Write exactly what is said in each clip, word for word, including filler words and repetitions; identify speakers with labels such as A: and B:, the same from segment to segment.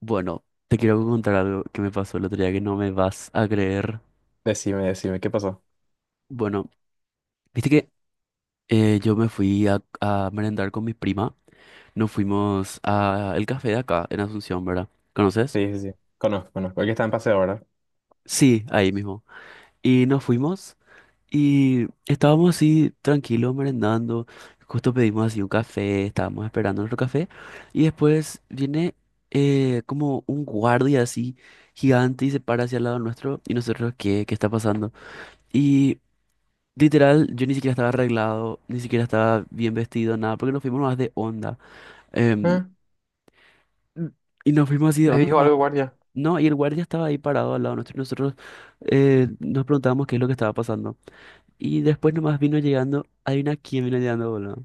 A: Bueno, te quiero contar algo que me pasó el otro día que no me vas a creer.
B: Decime, decime, ¿qué pasó?
A: Bueno, viste que eh, yo me fui a, a merendar con mi prima. Nos fuimos a el café de acá, en Asunción, ¿verdad? ¿Conoces?
B: Sí, sí,
A: Sí.
B: sí. Conozco, conozco. El que está en paseo, ¿verdad?
A: Sí, ahí mismo. Y nos fuimos y estábamos así tranquilos merendando. Justo pedimos así un café, estábamos esperando nuestro café. Y después viene eh, como un guardia así gigante y se para hacia el lado nuestro. Y nosotros, ¿qué? ¿Qué está pasando? Y literal, yo ni siquiera estaba arreglado, ni siquiera estaba bien vestido, nada, porque nos fuimos más de onda. Em,
B: Ah,
A: y nos fuimos así de
B: les
A: onda.
B: dijo
A: pa-
B: algo, guardia.
A: No, y el guardia estaba ahí parado al lado nuestro y nosotros eh, nos preguntábamos qué es lo que estaba pasando. Y después nomás vino llegando, adivina quién vino llegando, boludo.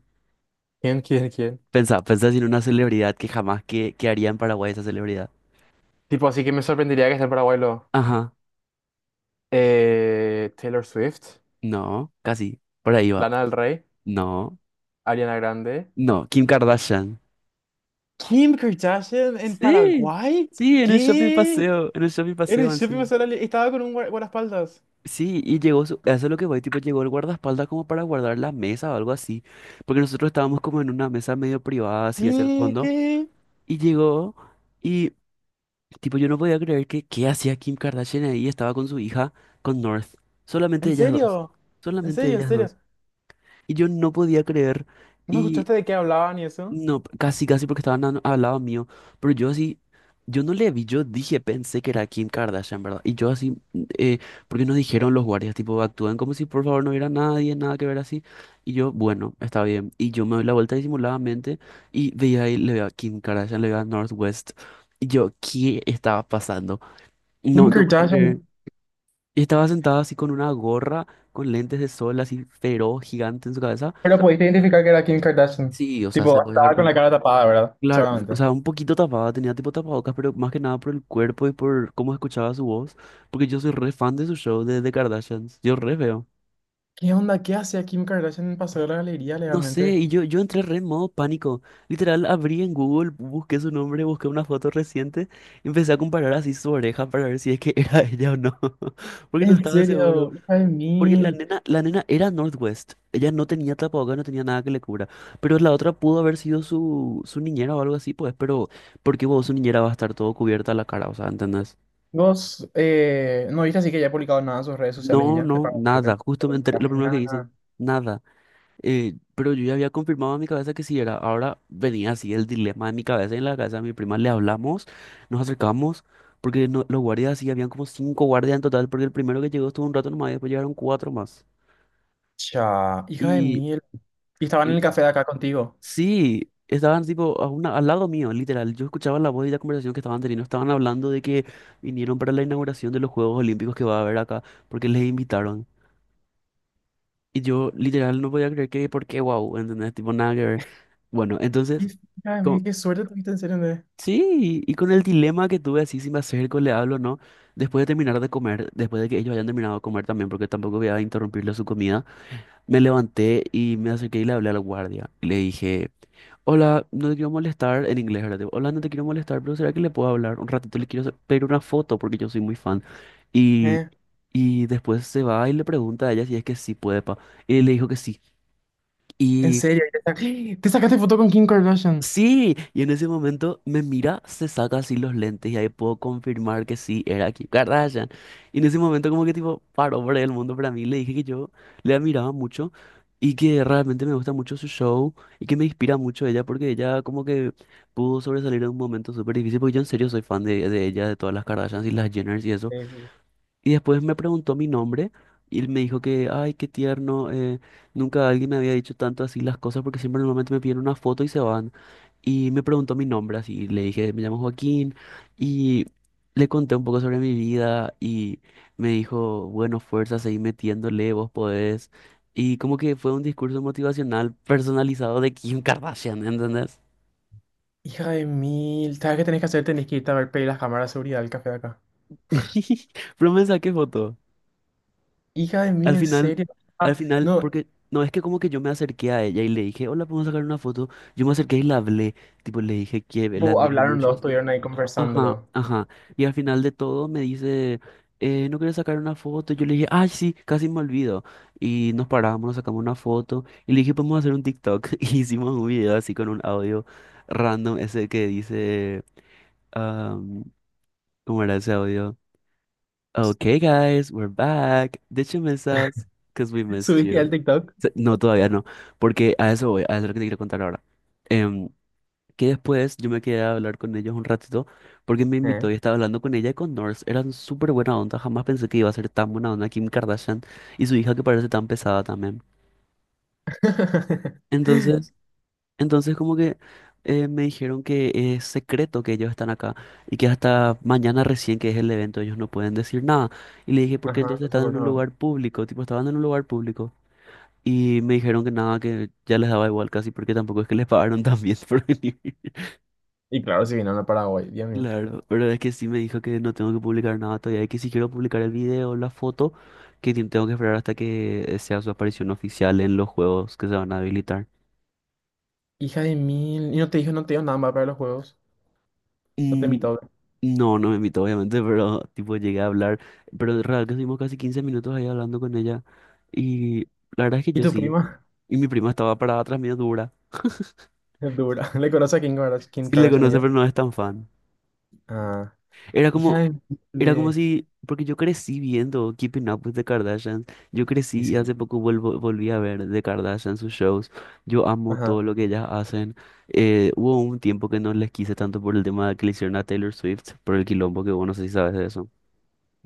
B: ¿Quién, quién, quién?
A: Pensá, pensá en una celebridad que jamás que, que haría en Paraguay esa celebridad.
B: Tipo, así que me sorprendería que esté en Paraguay lo-
A: Ajá,
B: eh, Taylor Swift,
A: no, casi, por ahí va.
B: Lana del Rey,
A: No,
B: Ariana Grande.
A: no, Kim Kardashian.
B: ¿Kim Kardashian en
A: Sí,
B: Paraguay?
A: sí, en el shopping
B: ¿Qué?
A: paseo, en el shopping
B: En el
A: paseo
B: shopping me
A: encima.
B: salió- estaba con un guar- guardaespaldas.
A: Sí, y llegó, su- eso es lo que voy, tipo, llegó el guardaespaldas como para guardar la mesa o algo así, porque nosotros estábamos como en una mesa medio privada, así hacia el
B: ¿Qué?
A: fondo,
B: ¿Qué?
A: y llegó, y tipo, yo no podía creer que, ¿qué hacía Kim Kardashian ahí? Estaba con su hija, con North, solamente
B: ¿En
A: ellas dos,
B: serio? ¿En
A: solamente
B: serio? ¿En
A: ellas
B: serio?
A: dos, y yo no podía creer,
B: ¿No escuchaste de qué hablaban y eso?
A: no, casi, casi porque estaban a- al lado mío. Pero yo así, yo no le vi, yo dije, pensé que era Kim Kardashian, ¿verdad? Y yo así, mm, eh, porque nos dijeron los guardias, tipo, actúan como si por favor no hubiera nadie, nada que ver así. Y yo, bueno, está bien. Y yo me doy la vuelta disimuladamente y veía ahí, le veía a Kim Kardashian, le veía a Northwest. Y yo, ¿qué estaba pasando?
B: Kim
A: No, no podía creer.
B: Kardashian.
A: Y estaba sentada así con una gorra, con lentes de sol, así feroz, gigante en su cabeza.
B: Pero pudiste identificar que era Kim Kardashian.
A: Sí, o sea, se
B: Tipo,
A: podía dar
B: estaba con la
A: cuenta.
B: cara tapada, ¿verdad?
A: Claro, o
B: Seguramente.
A: sea, un poquito tapada, tenía tipo tapabocas, pero más que nada por el cuerpo y por cómo escuchaba su voz, porque yo soy re fan de su show de The Kardashians, yo re veo.
B: ¿Qué onda? ¿Qué hacía Kim Kardashian en el Paseo de la Galería
A: No sé,
B: legalmente?
A: y yo, yo entré re en modo pánico. Literal, abrí en Google, busqué su nombre, busqué una foto reciente, y empecé a comparar así su oreja para ver si es que era ella o no, porque no
B: En
A: estaba seguro.
B: serio, hija de
A: Porque la
B: mil.
A: nena, la nena era Northwest. Ella no tenía tapabocas, no tenía nada que le cubra. Pero la otra pudo haber sido su, su niñera o algo así, pues. Pero, ¿por qué vos, su niñera va a estar todo cubierta la cara? O sea, ¿entendés?
B: Vos, eh, no viste así que ya ha publicado nada en sus redes sociales y
A: No,
B: ya. De
A: no,
B: pago, creo que.
A: nada. Justo me enteré- lo primero que
B: Nada,
A: dicen,
B: nada.
A: nada. Eh, pero yo ya había confirmado en mi cabeza que sí era. Ahora venía así el dilema en mi cabeza. En la casa de mi prima le hablamos, nos acercamos. Porque no- Los guardias sí, habían como cinco guardias en total. Porque el primero que llegó estuvo un rato nomás y después llegaron cuatro más.
B: Cha, hija de
A: Y.
B: mil. Y estaban en
A: Y
B: el café de acá contigo.
A: sí, estaban tipo a una- al lado mío, literal. Yo escuchaba la voz y la conversación que estaban teniendo. Estaban hablando de que vinieron para la inauguración de los Juegos Olímpicos que va a haber acá, porque les invitaron. Y yo literal no podía creer que, ¿por qué? Wow, ¿entendés? Tipo, nada que ver. Bueno, entonces,
B: Hija de mil,
A: con-
B: qué suerte tuviste en serio, ¿entendés?
A: sí, y con el dilema que tuve así, si me acerco, le hablo o no, después de terminar de comer, después de que ellos hayan terminado de comer también, porque tampoco voy a interrumpirle su comida, me levanté y me acerqué y le hablé al guardia. Y le dije... Hola, no te quiero molestar en inglés, ¿verdad? Tipo, hola, no te quiero molestar, pero ¿será que le puedo hablar un ratito? Le quiero sa- pedir una foto porque yo soy muy fan. Y,
B: Eh,
A: y después se va y le pregunta a ella si es que sí puede, pa. Y le dijo que sí.
B: en serio, y te, sac- te sacaste foto con Kim Kardashian.
A: Sí, y en ese momento me mira, se saca así los lentes y ahí puedo confirmar que sí era Kim Kardashian. Y en ese momento como que tipo paró por el mundo para mí, le dije que yo le admiraba mucho y que realmente me gusta mucho su show y que me inspira mucho ella porque ella como que pudo sobresalir en un momento súper difícil porque yo en serio soy fan de, de ella, de todas las Kardashians y las Jenners y eso.
B: Sí, sí,
A: Y después me preguntó mi nombre y él me dijo que, ay, qué tierno, eh, nunca alguien me había dicho tanto así las cosas porque siempre normalmente me piden una foto y se van. Y me preguntó mi nombre así, le dije, me llamo Joaquín y le conté un poco sobre mi vida y me dijo, bueno, fuerza, seguí metiéndole, vos podés. Y como que fue un discurso motivacional personalizado de Kim Kardashian, ¿entendés?
B: hija de mil, ¿sabes qué tenés que hacer? Tenés que irte a ver pedir las cámaras de seguridad del café de acá.
A: Pero me saqué foto.
B: Hija de mil,
A: Al
B: en
A: final,
B: serio.
A: al
B: Ah,
A: final,
B: no,
A: porque no es que como que yo me acerqué a ella y le dije, hola, ¿podemos sacar una foto? Yo me acerqué y la hablé, tipo, le dije que la
B: tipo,
A: admiro
B: hablaron
A: mucho
B: los,
A: así.
B: estuvieron ahí
A: Ajá,
B: conversándolo.
A: ajá. Y al final de todo me dice, eh, ¿no quieres sacar una foto? Yo le dije, ay, sí, casi me olvido. Y nos paramos, nos sacamos una foto y le dije, ¿podemos hacer un TikTok? Y hicimos un video así con un audio random, ese que dice, um, ¿cómo era ese audio? Okay, guys, we're back. Did you miss us? Because we missed
B: ¿Subiste al
A: you.
B: TikTok?
A: Se- No, todavía no, porque a eso voy, a eso es lo que te quiero contar ahora. Em, que después yo me quedé a hablar con ellos un ratito, porque me invitó
B: ¿Eh?
A: y estaba hablando con ella y con North. Eran súper buena onda, jamás pensé que iba a ser tan buena onda Kim Kardashian y su hija que parece tan pesada también. Entonces, entonces como que eh, me dijeron que es secreto que ellos están acá y que hasta mañana recién que es el evento ellos no pueden decir nada. Y le dije, ¿por qué
B: Ajá,
A: entonces
B: entonces
A: están
B: por
A: en
B: eso.
A: un
B: No.
A: lugar público? Tipo, estaban en un lugar público. Y me dijeron que nada, que ya les daba igual casi porque tampoco es que les pagaron tan bien por venir.
B: Y claro, si vinieron a Paraguay, Dios mío.
A: Claro, pero es que sí me dijo que no tengo que publicar nada todavía y que si quiero publicar el video o la foto, que ti- tengo que esperar hasta que sea su aparición oficial en los juegos que se van a habilitar.
B: Hija de mil, y no te dijo, no te dio nada más para los juegos. No te
A: Mm,
B: invitó.
A: no, no me invitó obviamente, pero tipo llegué a hablar, pero en real que estuvimos casi quince minutos ahí hablando con ella y la verdad es que
B: ¿Y
A: yo
B: tu
A: sí.
B: prima?
A: Y mi prima estaba parada atrás mío dura.
B: Es dura. ¿Le conoce a Kim Kardashian, Kim
A: Sí le
B: Kardashian
A: conoce,
B: ella?
A: pero no es tan fan.
B: Ah,
A: Era
B: hija
A: como,
B: de mil.
A: era como
B: de-
A: si, porque yo crecí viendo Keeping Up with the Kardashians, yo
B: Y
A: crecí y
B: sí.
A: hace poco vuelvo, volví a ver The Kardashians, sus shows, yo amo
B: Ajá.
A: todo lo que ellas hacen. Eh, hubo un tiempo que no les quise tanto por el tema que le hicieron a Taylor Swift, por el quilombo que vos no sé si sabes de eso.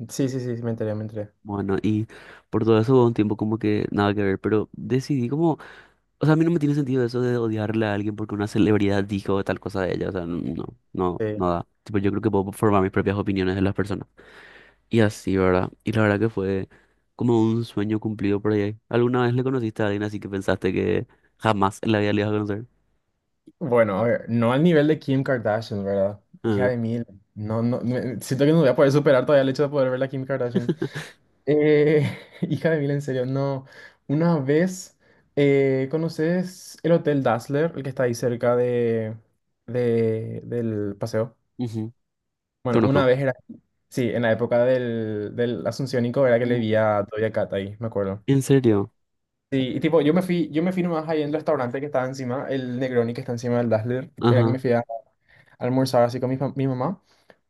B: Sí, sí, sí, sí, me enteré, me enteré.
A: Bueno, y por todo eso hubo un tiempo como que nada que ver, pero decidí como, o sea, a mí no me tiene sentido eso de odiarle a alguien porque una celebridad dijo tal cosa de ella, o sea, no, no,
B: Sí.
A: no da. Tipo, yo creo que puedo formar mis propias opiniones de las personas. Y así, ¿verdad? Y la verdad que fue como un sueño cumplido por ahí. ¿Alguna vez le conociste a alguien así que pensaste que jamás en la vida le ibas a conocer?
B: Bueno, a ver, no al nivel de Kim Kardashian, ¿verdad? Hija
A: Ah,
B: de mil. No, no, me- siento que no voy a poder superar todavía el hecho de poder ver a Kim Kardashian. Eh, hija de mil, en serio, no. Una vez, eh, ¿conoces el Hotel Dazzler, el que está ahí cerca de, de, del paseo?
A: ujú,
B: Bueno, una
A: conozco.
B: vez era, sí, en la época del, del Asunciónico era que le vi
A: Mm,
B: a Doja Cat ahí, me acuerdo.
A: ¿en serio?
B: Sí, y tipo, yo me fui, yo me fui nomás ahí en el restaurante que estaba encima, el Negroni que está encima del Dazzler, era que
A: Ajá,
B: me fui a almorzar así con mi, fam- mi mamá.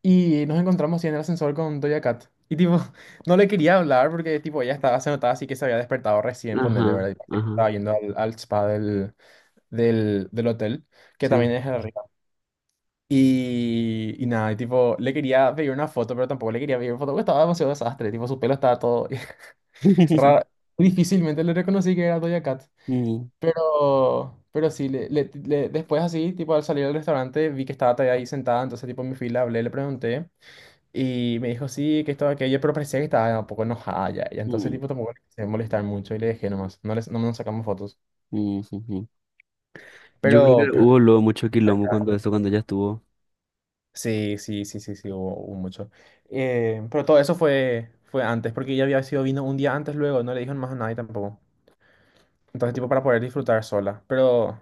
B: Y nos encontramos así en el ascensor con Doja Cat. Y tipo, no le quería hablar porque tipo ella estaba, se notaba así que se había despertado recién, ponerle,
A: ajá,
B: ¿verdad? Y parece que
A: ajá.
B: estaba yendo al, al spa del, del, del hotel, que también
A: Sí.
B: es arriba. Y, y nada, y tipo, le quería pedir una foto, pero tampoco le quería pedir foto porque estaba demasiado desastre. Tipo, su pelo estaba todo raro. Difícilmente le reconocí que era Doja Cat.
A: Mm,
B: Pero, pero sí, le, le- le- después así, tipo al salir del restaurante, vi que estaba todavía ahí sentada, entonces tipo en mi fila hablé, le pregunté y me dijo sí, que estaba aquello, pero parecía que estaba un poco enojada ya, y entonces
A: mm,
B: tipo tampoco le quise molestar mucho y le dejé nomás, no, les, no nos sacamos fotos.
A: mm, ujú. Yo creo
B: Pero,
A: que
B: pero
A: hubo luego mucho quilombo cuando eso, cuando ella estuvo.
B: sí, sí, sí, sí, sí, hubo, hubo mucho. Eh, pero todo eso fue, fue antes, porque ella había sido vino un día antes luego, no le dijeron más a nadie tampoco. Entonces tipo para poder disfrutar sola, pero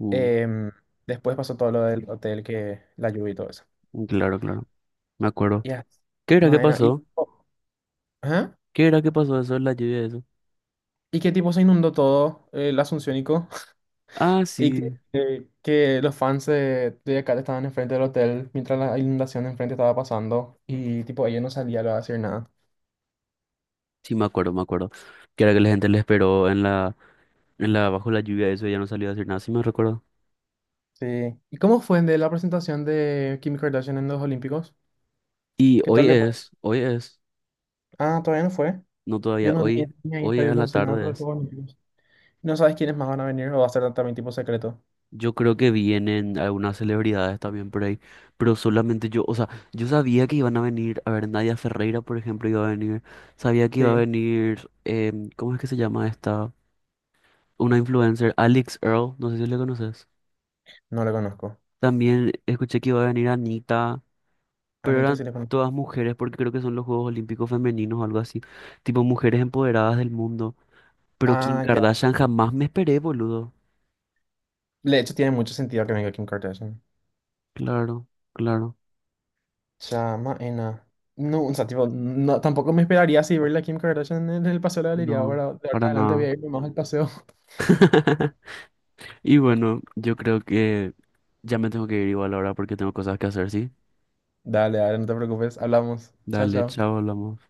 A: Mm,
B: em, después pasó todo lo del hotel, que la lluvia y todo eso.
A: claro, claro. Me acuerdo.
B: Ya,
A: ¿Qué era que
B: Maena. ¿Y,
A: pasó?
B: ajá.
A: ¿Qué era que pasó eso en la lluvia de eso?
B: ¿Y qué tipo se inundó todo eh, el Asunciónico?
A: Ah,
B: ¿Y que,
A: sí.
B: eh, que los fans de, de acá estaban enfrente del hotel mientras la inundación de enfrente estaba pasando? Y tipo, ella no salía a hacer nada.
A: Sí, me acuerdo, me acuerdo. Que era que la gente le esperó en la en la, bajo la lluvia, eso ya no salió a hacer nada, sí me recuerdo.
B: Sí. ¿Y cómo fue de la presentación de Kim Kardashian en los Olímpicos?
A: Y
B: ¿Qué tal
A: hoy
B: le fue?
A: es, hoy es,
B: Ah, todavía no fue.
A: no
B: Yo
A: todavía,
B: no ni,
A: hoy,
B: ni ahí
A: hoy
B: está, yo
A: a
B: no
A: la
B: sé nada
A: tarde
B: sobre los
A: es.
B: Juegos Olímpicos. ¿No sabes quiénes más van a venir o va a ser también tipo secreto?
A: Yo creo que vienen algunas celebridades también por ahí, pero solamente yo, o sea, yo sabía que iban a venir, a ver, Nadia Ferreira, por ejemplo, iba a venir, sabía que iba a
B: Sí.
A: venir, em, ¿cómo es que se llama esta? Una influencer, Alex Earl, no sé si le conoces.
B: No le conozco.
A: También escuché que iba a venir Anita, pero
B: Anita
A: eran
B: sí le conozco.
A: todas mujeres porque creo que son los Juegos Olímpicos Femeninos o algo así, tipo mujeres empoderadas del mundo. Pero Kim
B: Ah, ya.
A: Kardashian jamás me esperé, boludo.
B: De hecho, tiene mucho sentido que venga Kim Kardashian.
A: Claro, claro.
B: Chamaena. No, o sea, tipo, no, tampoco me esperaría así verla a Kim Kardashian en el paseo de la galería.
A: No,
B: Ahora, de ahora en
A: para
B: adelante voy
A: nada.
B: a irme más al paseo.
A: Y bueno, yo creo que ya me tengo que ir igual ahora porque tengo cosas que hacer, ¿sí?
B: Dale, dale, no te preocupes. Hablamos. Chao,
A: Dale,
B: chao.
A: chao, hablamos.